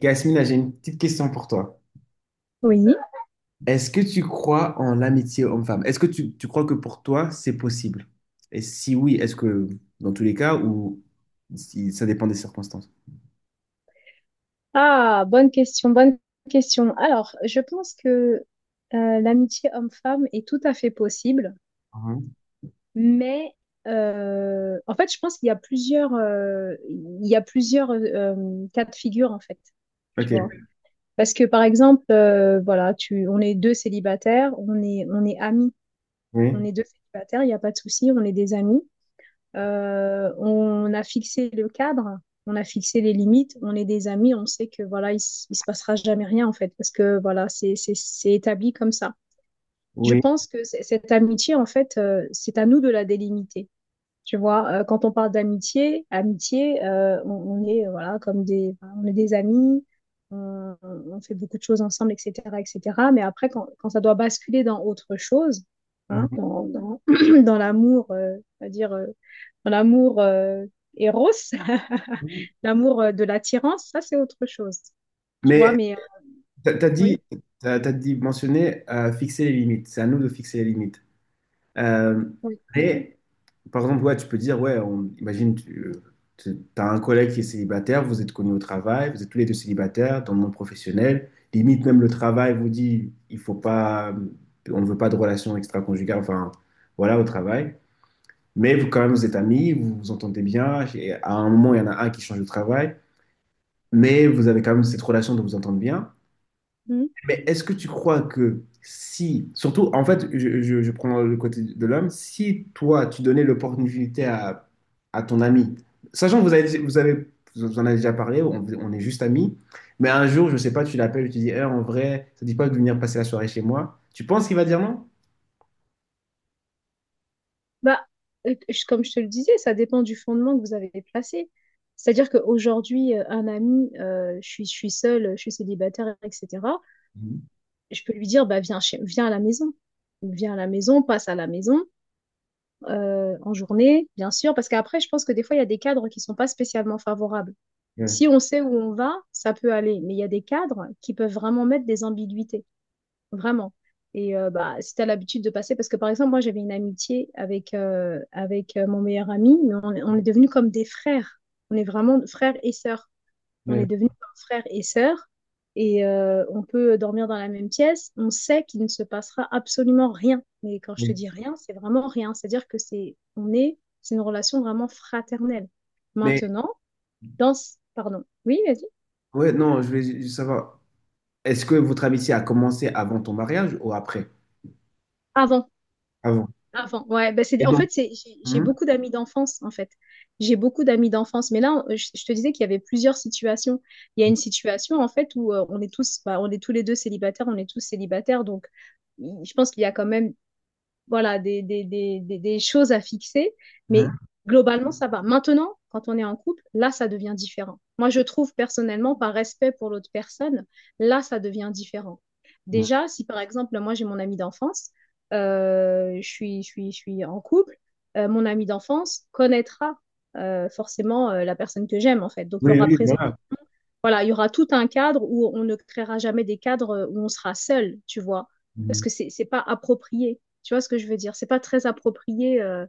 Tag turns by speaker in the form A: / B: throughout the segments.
A: Yasmina, j'ai une petite question pour toi.
B: Oui.
A: Est-ce que tu crois en l'amitié homme-femme? Est-ce que tu crois que pour toi, c'est possible? Et si oui, est-ce que dans tous les cas ou si ça dépend des circonstances?
B: Ah, bonne question, bonne question. Alors, je pense que l'amitié homme-femme est tout à fait possible,
A: Mhm.
B: mais en fait, je pense qu'il y a plusieurs cas de figure en fait.
A: Ok,
B: Tu vois? Parce que par exemple, voilà, on est deux célibataires, on est amis, on
A: oui,
B: est deux célibataires, il n'y a pas de souci, on est des amis. On a fixé le cadre, on a fixé les limites, on est des amis, on sait que voilà, il se passera jamais rien en fait, parce que voilà, c'est établi comme ça. Je
A: oui.
B: pense que cette amitié, en fait, c'est à nous de la délimiter. Tu vois, quand on parle d'amitié, amitié, on est voilà comme des, enfin, on est des amis, on fait beaucoup de choses ensemble, etc., etc. Mais après, quand ça doit basculer dans autre chose, hein, dans l'amour, c'est-à-dire dans l'amour Eros,
A: Mhm.
B: l'amour de l'attirance, ça c'est autre chose. Tu vois,
A: Mais
B: mais
A: tu as
B: oui,
A: dit, t'as, t'as dit mentionné fixer les limites. C'est à nous de fixer les limites. Euh,
B: oui.
A: mais, par exemple, ouais, tu peux dire, ouais, on, imagine, tu as un collègue qui est célibataire, vous êtes connus au travail, vous êtes tous les deux célibataires dans le monde professionnel. Limite, même le travail vous dit, il faut pas, on ne veut pas de relation extra-conjugale, enfin, voilà, au travail. Mais vous, quand même, vous êtes amis, vous vous entendez bien. Et à un moment, il y en a un qui change de travail, mais vous avez quand même cette relation de vous entendre bien.
B: Mmh.
A: Mais est-ce que tu crois que si, surtout, en fait, je prends le côté de l'homme, si toi, tu donnais l'opportunité à ton ami, sachant que vous en avez déjà parlé, on est juste amis, mais un jour, je sais pas, tu l'appelles, tu dis, Eh, en vrai, ça te dit pas de venir passer la soirée chez moi, tu penses qu'il va dire non?
B: Bah, comme je te le disais, ça dépend du fondement que vous avez placé. C'est-à-dire qu'aujourd'hui, un ami, je suis seule, je suis célibataire, etc.
A: Mhm.
B: Je peux lui dire, bah, viens, viens à la maison. Viens à la maison, passe à la maison, en journée, bien sûr, parce qu'après, je pense que des fois, il y a des cadres qui sont pas spécialement favorables.
A: Ouais,
B: Si on sait où on va, ça peut aller, mais il y a des cadres qui peuvent vraiment mettre des ambiguïtés. Vraiment. Et bah, si tu as l'habitude de passer, parce que par exemple, moi j'avais une amitié avec, mon meilleur ami, mais on est devenus comme des frères. On est vraiment frères et sœurs. On
A: ouais,
B: est devenus comme frères et sœurs. Et on peut dormir dans la même pièce. On sait qu'il ne se passera absolument rien. Mais quand je te
A: ouais.
B: dis rien, c'est vraiment rien. C'est-à-dire que c'est une relation vraiment fraternelle.
A: Mais,
B: Maintenant, pardon. Oui, vas-y.
A: ouais, non, je vais juste savoir, est-ce que votre amitié a commencé avant ton mariage ou après?
B: Avant.
A: Avant.
B: Avant, ouais, ben c'est,
A: Et
B: en
A: donc,
B: fait, j'ai
A: mhm.
B: beaucoup d'amis d'enfance, en fait. J'ai beaucoup d'amis d'enfance. Mais là, je te disais qu'il y avait plusieurs situations. Il y a une situation, en fait, où on est tous, bah, on est tous les deux célibataires, on est tous célibataires. Donc, je pense qu'il y a quand même voilà, des choses à fixer, mais
A: Mhm.
B: globalement, ça va. Maintenant, quand on est en couple, là, ça devient différent. Moi, je trouve personnellement, par respect pour l'autre personne, là, ça devient différent.
A: Mhm.
B: Déjà, si par exemple, moi, j'ai mon ami d'enfance, je suis en couple, mon ami d'enfance connaîtra forcément la personne que j'aime, en fait. Donc, il y
A: Oui,
B: aura
A: oui,
B: présent
A: voilà.
B: voilà, il y aura tout un cadre où on ne créera jamais des cadres où on sera seul, tu vois, parce
A: Mhm.
B: que c'est pas approprié. Tu vois ce que je veux dire? C'est pas très approprié euh,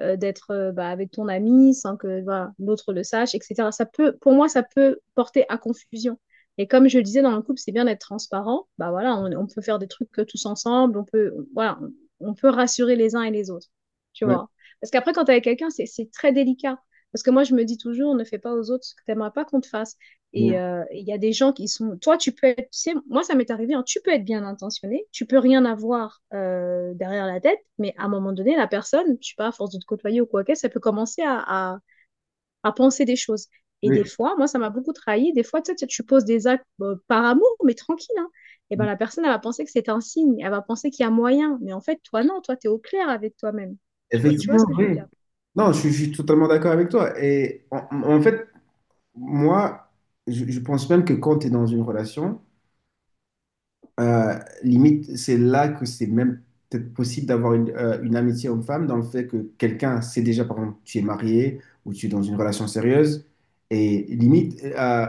B: euh, d'être bah, avec ton ami sans que voilà, l'autre le sache, etc. Ça peut, pour moi, ça peut porter à confusion. Et comme je le disais dans le couple, c'est bien d'être transparent. Bah voilà, on peut faire des trucs tous ensemble, voilà, on peut rassurer les uns et les autres, tu
A: Oui,
B: vois. Parce qu'après, quand t'es avec quelqu'un, c'est très délicat. Parce que moi, je me dis toujours, ne fais pas aux autres ce que t'aimerais pas qu'on te fasse.
A: oui.
B: Et il y a des gens qui sont. Toi, tu peux être. Tu sais, moi, ça m'est arrivé, hein, tu peux être bien intentionné, tu peux rien avoir derrière la tête, mais à un moment donné, la personne, je sais pas, à force de te côtoyer ou quoi que ça peut commencer à penser des choses. Et
A: Oui,
B: des fois, moi, ça m'a beaucoup trahi. Des fois, tu sais, tu poses des actes par amour, mais tranquille. Hein. Et ben la personne, elle va penser que c'est un signe, elle va penser qu'il y a moyen. Mais en fait, toi, non, toi, tu es au clair avec toi-même. Tu vois
A: effectivement,
B: ce que je veux
A: oui.
B: dire?
A: Non, je suis totalement d'accord avec toi. Et en, en fait, moi, je pense même que quand tu es dans une relation, Euh, limite, c'est là que c'est même peut-être possible d'avoir une amitié homme-femme dans le fait que quelqu'un sait déjà, par exemple, tu es marié ou tu es dans une relation sérieuse. Et limite,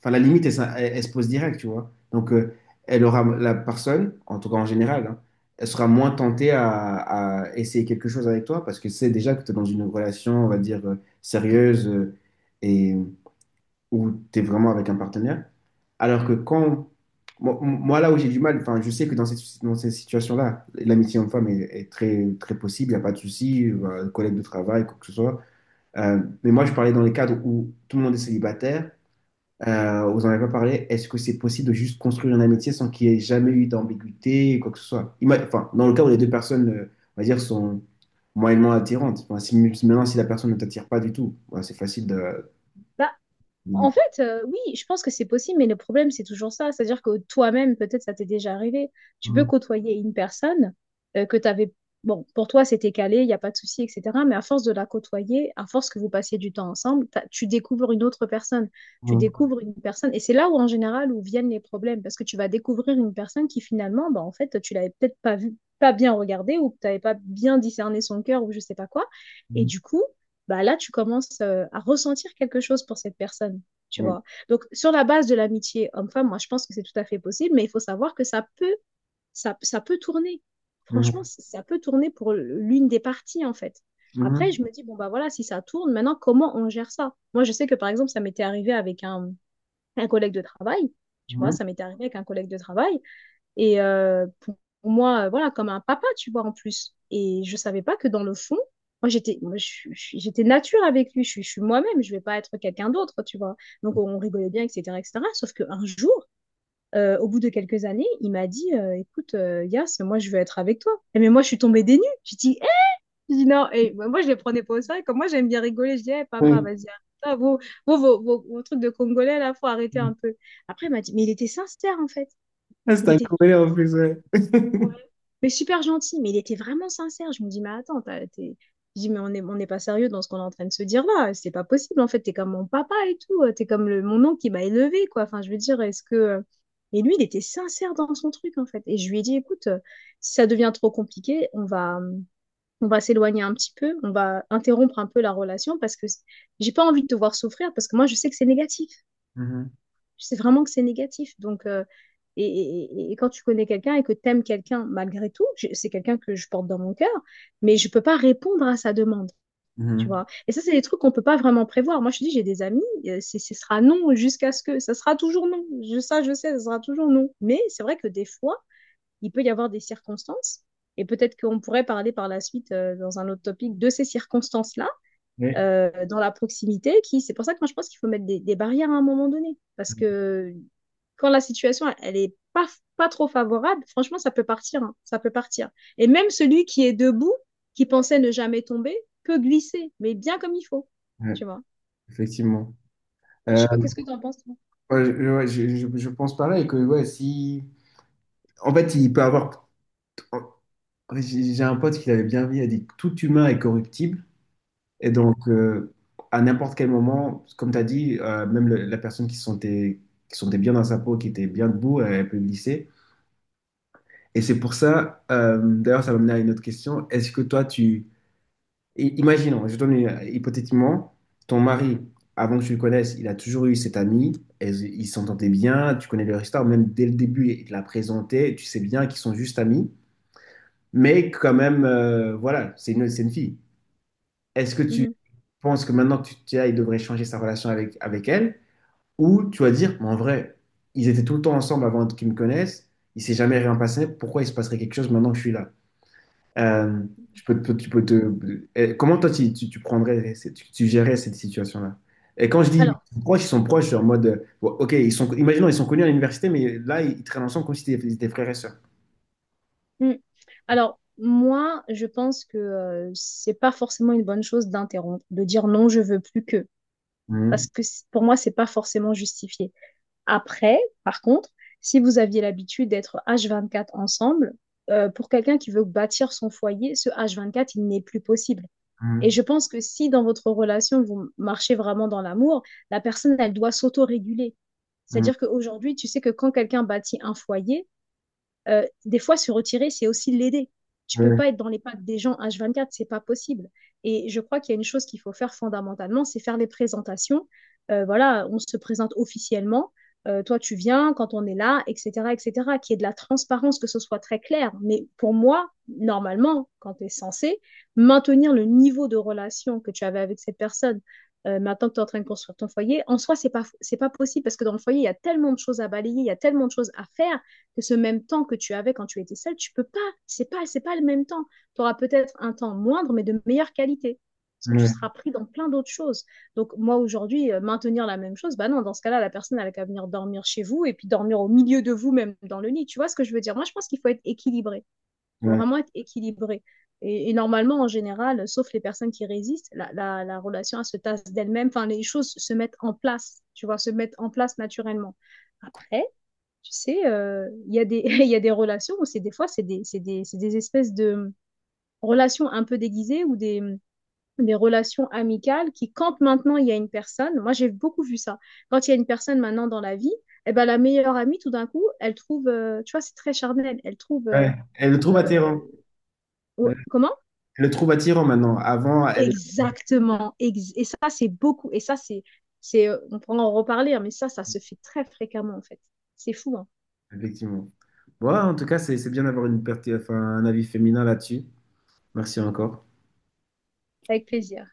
A: enfin, la limite, elle, elle se pose direct, tu vois. Donc, elle aura, la personne, en tout cas en général, hein, elle sera moins tentée à essayer quelque chose avec toi parce que c'est déjà que tu es dans une relation, on va dire, sérieuse. euh, Où tu es vraiment avec un partenaire. Alors que quand, moi, là où j'ai du mal, enfin, je sais que dans cette, dans ces situations-là, l'amitié homme-femme est, est très possible, il n'y a pas de souci, collègue de travail, quoi que ce soit. Mais moi, je parlais dans les cadres où tout le monde est célibataire, vous n'en avez pas parlé, est-ce que c'est possible de juste construire une amitié sans qu'il y ait jamais eu d'ambiguïté, quoi que ce soit? Enfin, dans le cas où les deux personnes, on va dire, sont moyennement attirantes. Enfin, si maintenant, si la personne ne t'attire pas du tout, ouais, c'est facile de...
B: Bah, en fait, oui, je pense que c'est possible, mais le problème, c'est toujours ça. C'est-à-dire que toi-même, peut-être ça t'est déjà arrivé. Tu peux côtoyer une personne que tu avais. Bon, pour toi, c'était calé, il n'y a pas de souci, etc. Mais à force de la côtoyer, à force que vous passiez du temps ensemble, tu découvres une autre personne. Tu découvres une personne. Et c'est là où, en général, où viennent les problèmes. Parce que tu vas découvrir une personne qui, finalement, bah, en fait, tu l'avais peut-être pas vue, pas bien regardée, ou que tu n'avais pas bien discerné son cœur, ou je sais pas quoi. Et du coup bah là, tu commences à ressentir quelque chose pour cette personne tu
A: Mhm,
B: vois. Donc, sur la base de l'amitié homme-femme, moi, je pense que c'est tout à fait possible, mais il faut savoir que ça peut tourner. Franchement, ça peut tourner pour l'une des parties, en fait. Après,
A: mhm,
B: je me dis, bon, bah voilà, si ça tourne, maintenant, comment on gère ça? Moi, je sais que, par exemple, ça m'était arrivé avec un collègue de travail, tu vois,
A: mhm.
B: ça m'était arrivé avec un collègue de travail, et pour moi, voilà, comme un papa, tu vois, en plus. Et je savais pas que dans le fond, moi, j'étais nature avec lui. Je suis moi-même. Je vais pas être quelqu'un d'autre, tu vois. Donc, on rigolait bien, etc., etc. Sauf qu'un jour, au bout de quelques années, il m'a dit, écoute, Yas, moi, je veux être avec toi. Et mais moi, je suis tombée des nues. J'ai dit, non. Et moi, je les prenais pas au sérieux. Comme moi, j'aime bien rigoler. Je dis, eh papa,
A: Sim,
B: vas-y, arrête. Ah, vos trucs de Congolais, là, faut arrêter un
A: sim.
B: peu. Après, il m'a dit, mais il était sincère, en fait.
A: Ah, Você
B: Il
A: tá en
B: était
A: plus, ouais.
B: Ouais. Mais super gentil, mais il était vraiment sincère. Je me dis, mais attends, t'es. Je dis, mais on n'est pas sérieux dans ce qu'on est en train de se dire là. C'est pas possible, en fait. T'es comme mon papa et tout. T'es comme le, mon oncle qui m'a élevé, quoi. Enfin, je veux dire, est-ce que. Et lui, il était sincère dans son truc, en fait. Et je lui ai dit, écoute, si ça devient trop compliqué, on va s'éloigner un petit peu. On va interrompre un peu la relation parce que j'ai pas envie de te voir souffrir parce que moi, je sais que c'est négatif.
A: Mhm,
B: Je sais vraiment que c'est négatif. Donc, et, et quand tu connais quelqu'un et que t'aimes quelqu'un malgré tout, c'est quelqu'un que je porte dans mon cœur, mais je peux pas répondre à sa demande, tu
A: mhm.
B: vois. Et ça, c'est des trucs qu'on peut pas vraiment prévoir. Moi, je te dis, j'ai des amis, ce sera non ça sera toujours non. Ça, je sais, ça sera toujours non. Mais c'est vrai que des fois, il peut y avoir des circonstances, et peut-être qu'on pourrait parler par la suite, dans un autre topic, de ces circonstances-là
A: Ouais,
B: dans la proximité qui, c'est pour ça que moi je pense qu'il faut mettre des barrières à un moment donné. Parce
A: mm-hmm,
B: que quand la situation, elle est pas trop favorable, franchement, ça peut partir, hein, ça peut partir. Et même celui qui est debout, qui pensait ne jamais tomber, peut glisser, mais bien comme il faut,
A: ouais,
B: tu vois.
A: effectivement.
B: Je
A: Euh,
B: sais pas, qu'est-ce que tu en penses, toi?
A: ouais, ouais, je pense pareil que ouais, si. En fait, il peut avoir. J'ai un pote qui l'avait bien vu, il a dit que tout humain est corruptible. Et donc, à n'importe quel moment, comme tu as dit, même la personne qui se sentait bien dans sa peau, qui était bien debout, elle peut glisser. Et c'est pour ça, d'ailleurs, ça m'amène à une autre question. Est-ce que toi, tu. Imaginons, hypothétiquement, ton mari, avant que tu le connaisses, il a toujours eu cette amie, ils s'entendaient bien, tu connais leur histoire, même dès le début, il te l'a présentée, tu sais bien qu'ils sont juste amis, mais quand même, voilà, c'est c'est une fille. Est-ce que tu
B: Mhm.
A: penses que maintenant que tu es là, il devrait changer sa relation avec, avec elle, ou tu vas dire, Mais en vrai, ils étaient tout le temps ensemble avant qu'ils me connaissent, il s'est jamais rien passé, pourquoi il se passerait quelque chose maintenant que je suis là? Euh, Tu peux, tu peux comment toi, tu prendrais, tu, tu gérerais cette situation-là? Et quand je dis
B: Alors,
A: proches, ils sont proches, genre en mode, bon, ok, ils sont, imaginons, ils sont connus à l'université, mais là, ils traînent ensemble comme si c'était des frères et sœurs.
B: mm. Alors, moi, je pense que c'est pas forcément une bonne chose d'interrompre, de dire non, je veux plus que,
A: Mhm,
B: parce que pour moi, c'est pas forcément justifié. Après, par contre, si vous aviez l'habitude d'être H24 ensemble, pour quelqu'un qui veut bâtir son foyer, ce H24, il n'est plus possible. Et
A: mhm,
B: je pense que si dans votre relation, vous marchez vraiment dans l'amour, la personne, elle doit s'auto-réguler.
A: mhm.
B: C'est-à-dire qu'aujourd'hui, tu sais que quand quelqu'un bâtit un foyer, des fois, se retirer, c'est aussi l'aider. Tu peux
A: Ouais,
B: pas être dans les pattes des gens H24, c'est pas possible. Et je crois qu'il y a une chose qu'il faut faire fondamentalement, c'est faire les présentations. Voilà, on se présente officiellement. Toi, tu viens quand on est là, etc., etc. Qu'il y ait de la transparence, que ce soit très clair. Mais pour moi, normalement, quand tu es censé maintenir le niveau de relation que tu avais avec cette personne, maintenant que tu es en train de construire ton foyer, en soi, c'est pas possible parce que dans le foyer, il y a tellement de choses à balayer, il y a tellement de choses à faire que ce même temps que tu avais quand tu étais seule, tu peux pas. C'est pas le même temps. Tu auras peut-être un temps moindre, mais de meilleure qualité. Parce que tu
A: ouais,
B: seras pris dans plein d'autres choses. Donc, moi, aujourd'hui, maintenir la même chose, bah non, dans ce cas-là, la personne, elle a qu'à venir dormir chez vous et puis dormir au milieu de vous, même dans le lit. Tu vois ce que je veux dire? Moi, je pense qu'il faut être équilibré. Il faut
A: ouais,
B: vraiment être équilibré. Normalement, en général, sauf les personnes qui résistent, la relation, elle se tasse d'elle-même. Enfin, les choses se mettent en place, tu vois, se mettent en place naturellement. Après, tu sais, il y a des, il y a des relations où c'est des fois, c'est des espèces de relations un peu déguisées ou des relations amicales qui, quand maintenant il y a une personne, moi j'ai beaucoup vu ça, quand il y a une personne maintenant dans la vie, eh ben, la meilleure amie, tout d'un coup, elle trouve, tu vois, c'est très charnel,
A: ouais. Elle le trouve
B: euh,
A: attirant. Elle
B: comment?
A: le trouve attirant maintenant. Avant, elle.
B: Exactement. Et ça, c'est beaucoup. Et ça, on pourra en reparler, hein, mais ça se fait très fréquemment, en fait. C'est fou, hein.
A: Effectivement. Voilà, en tout cas, c'est bien d'avoir une perte, enfin, un avis féminin là-dessus. Merci encore.
B: Avec plaisir.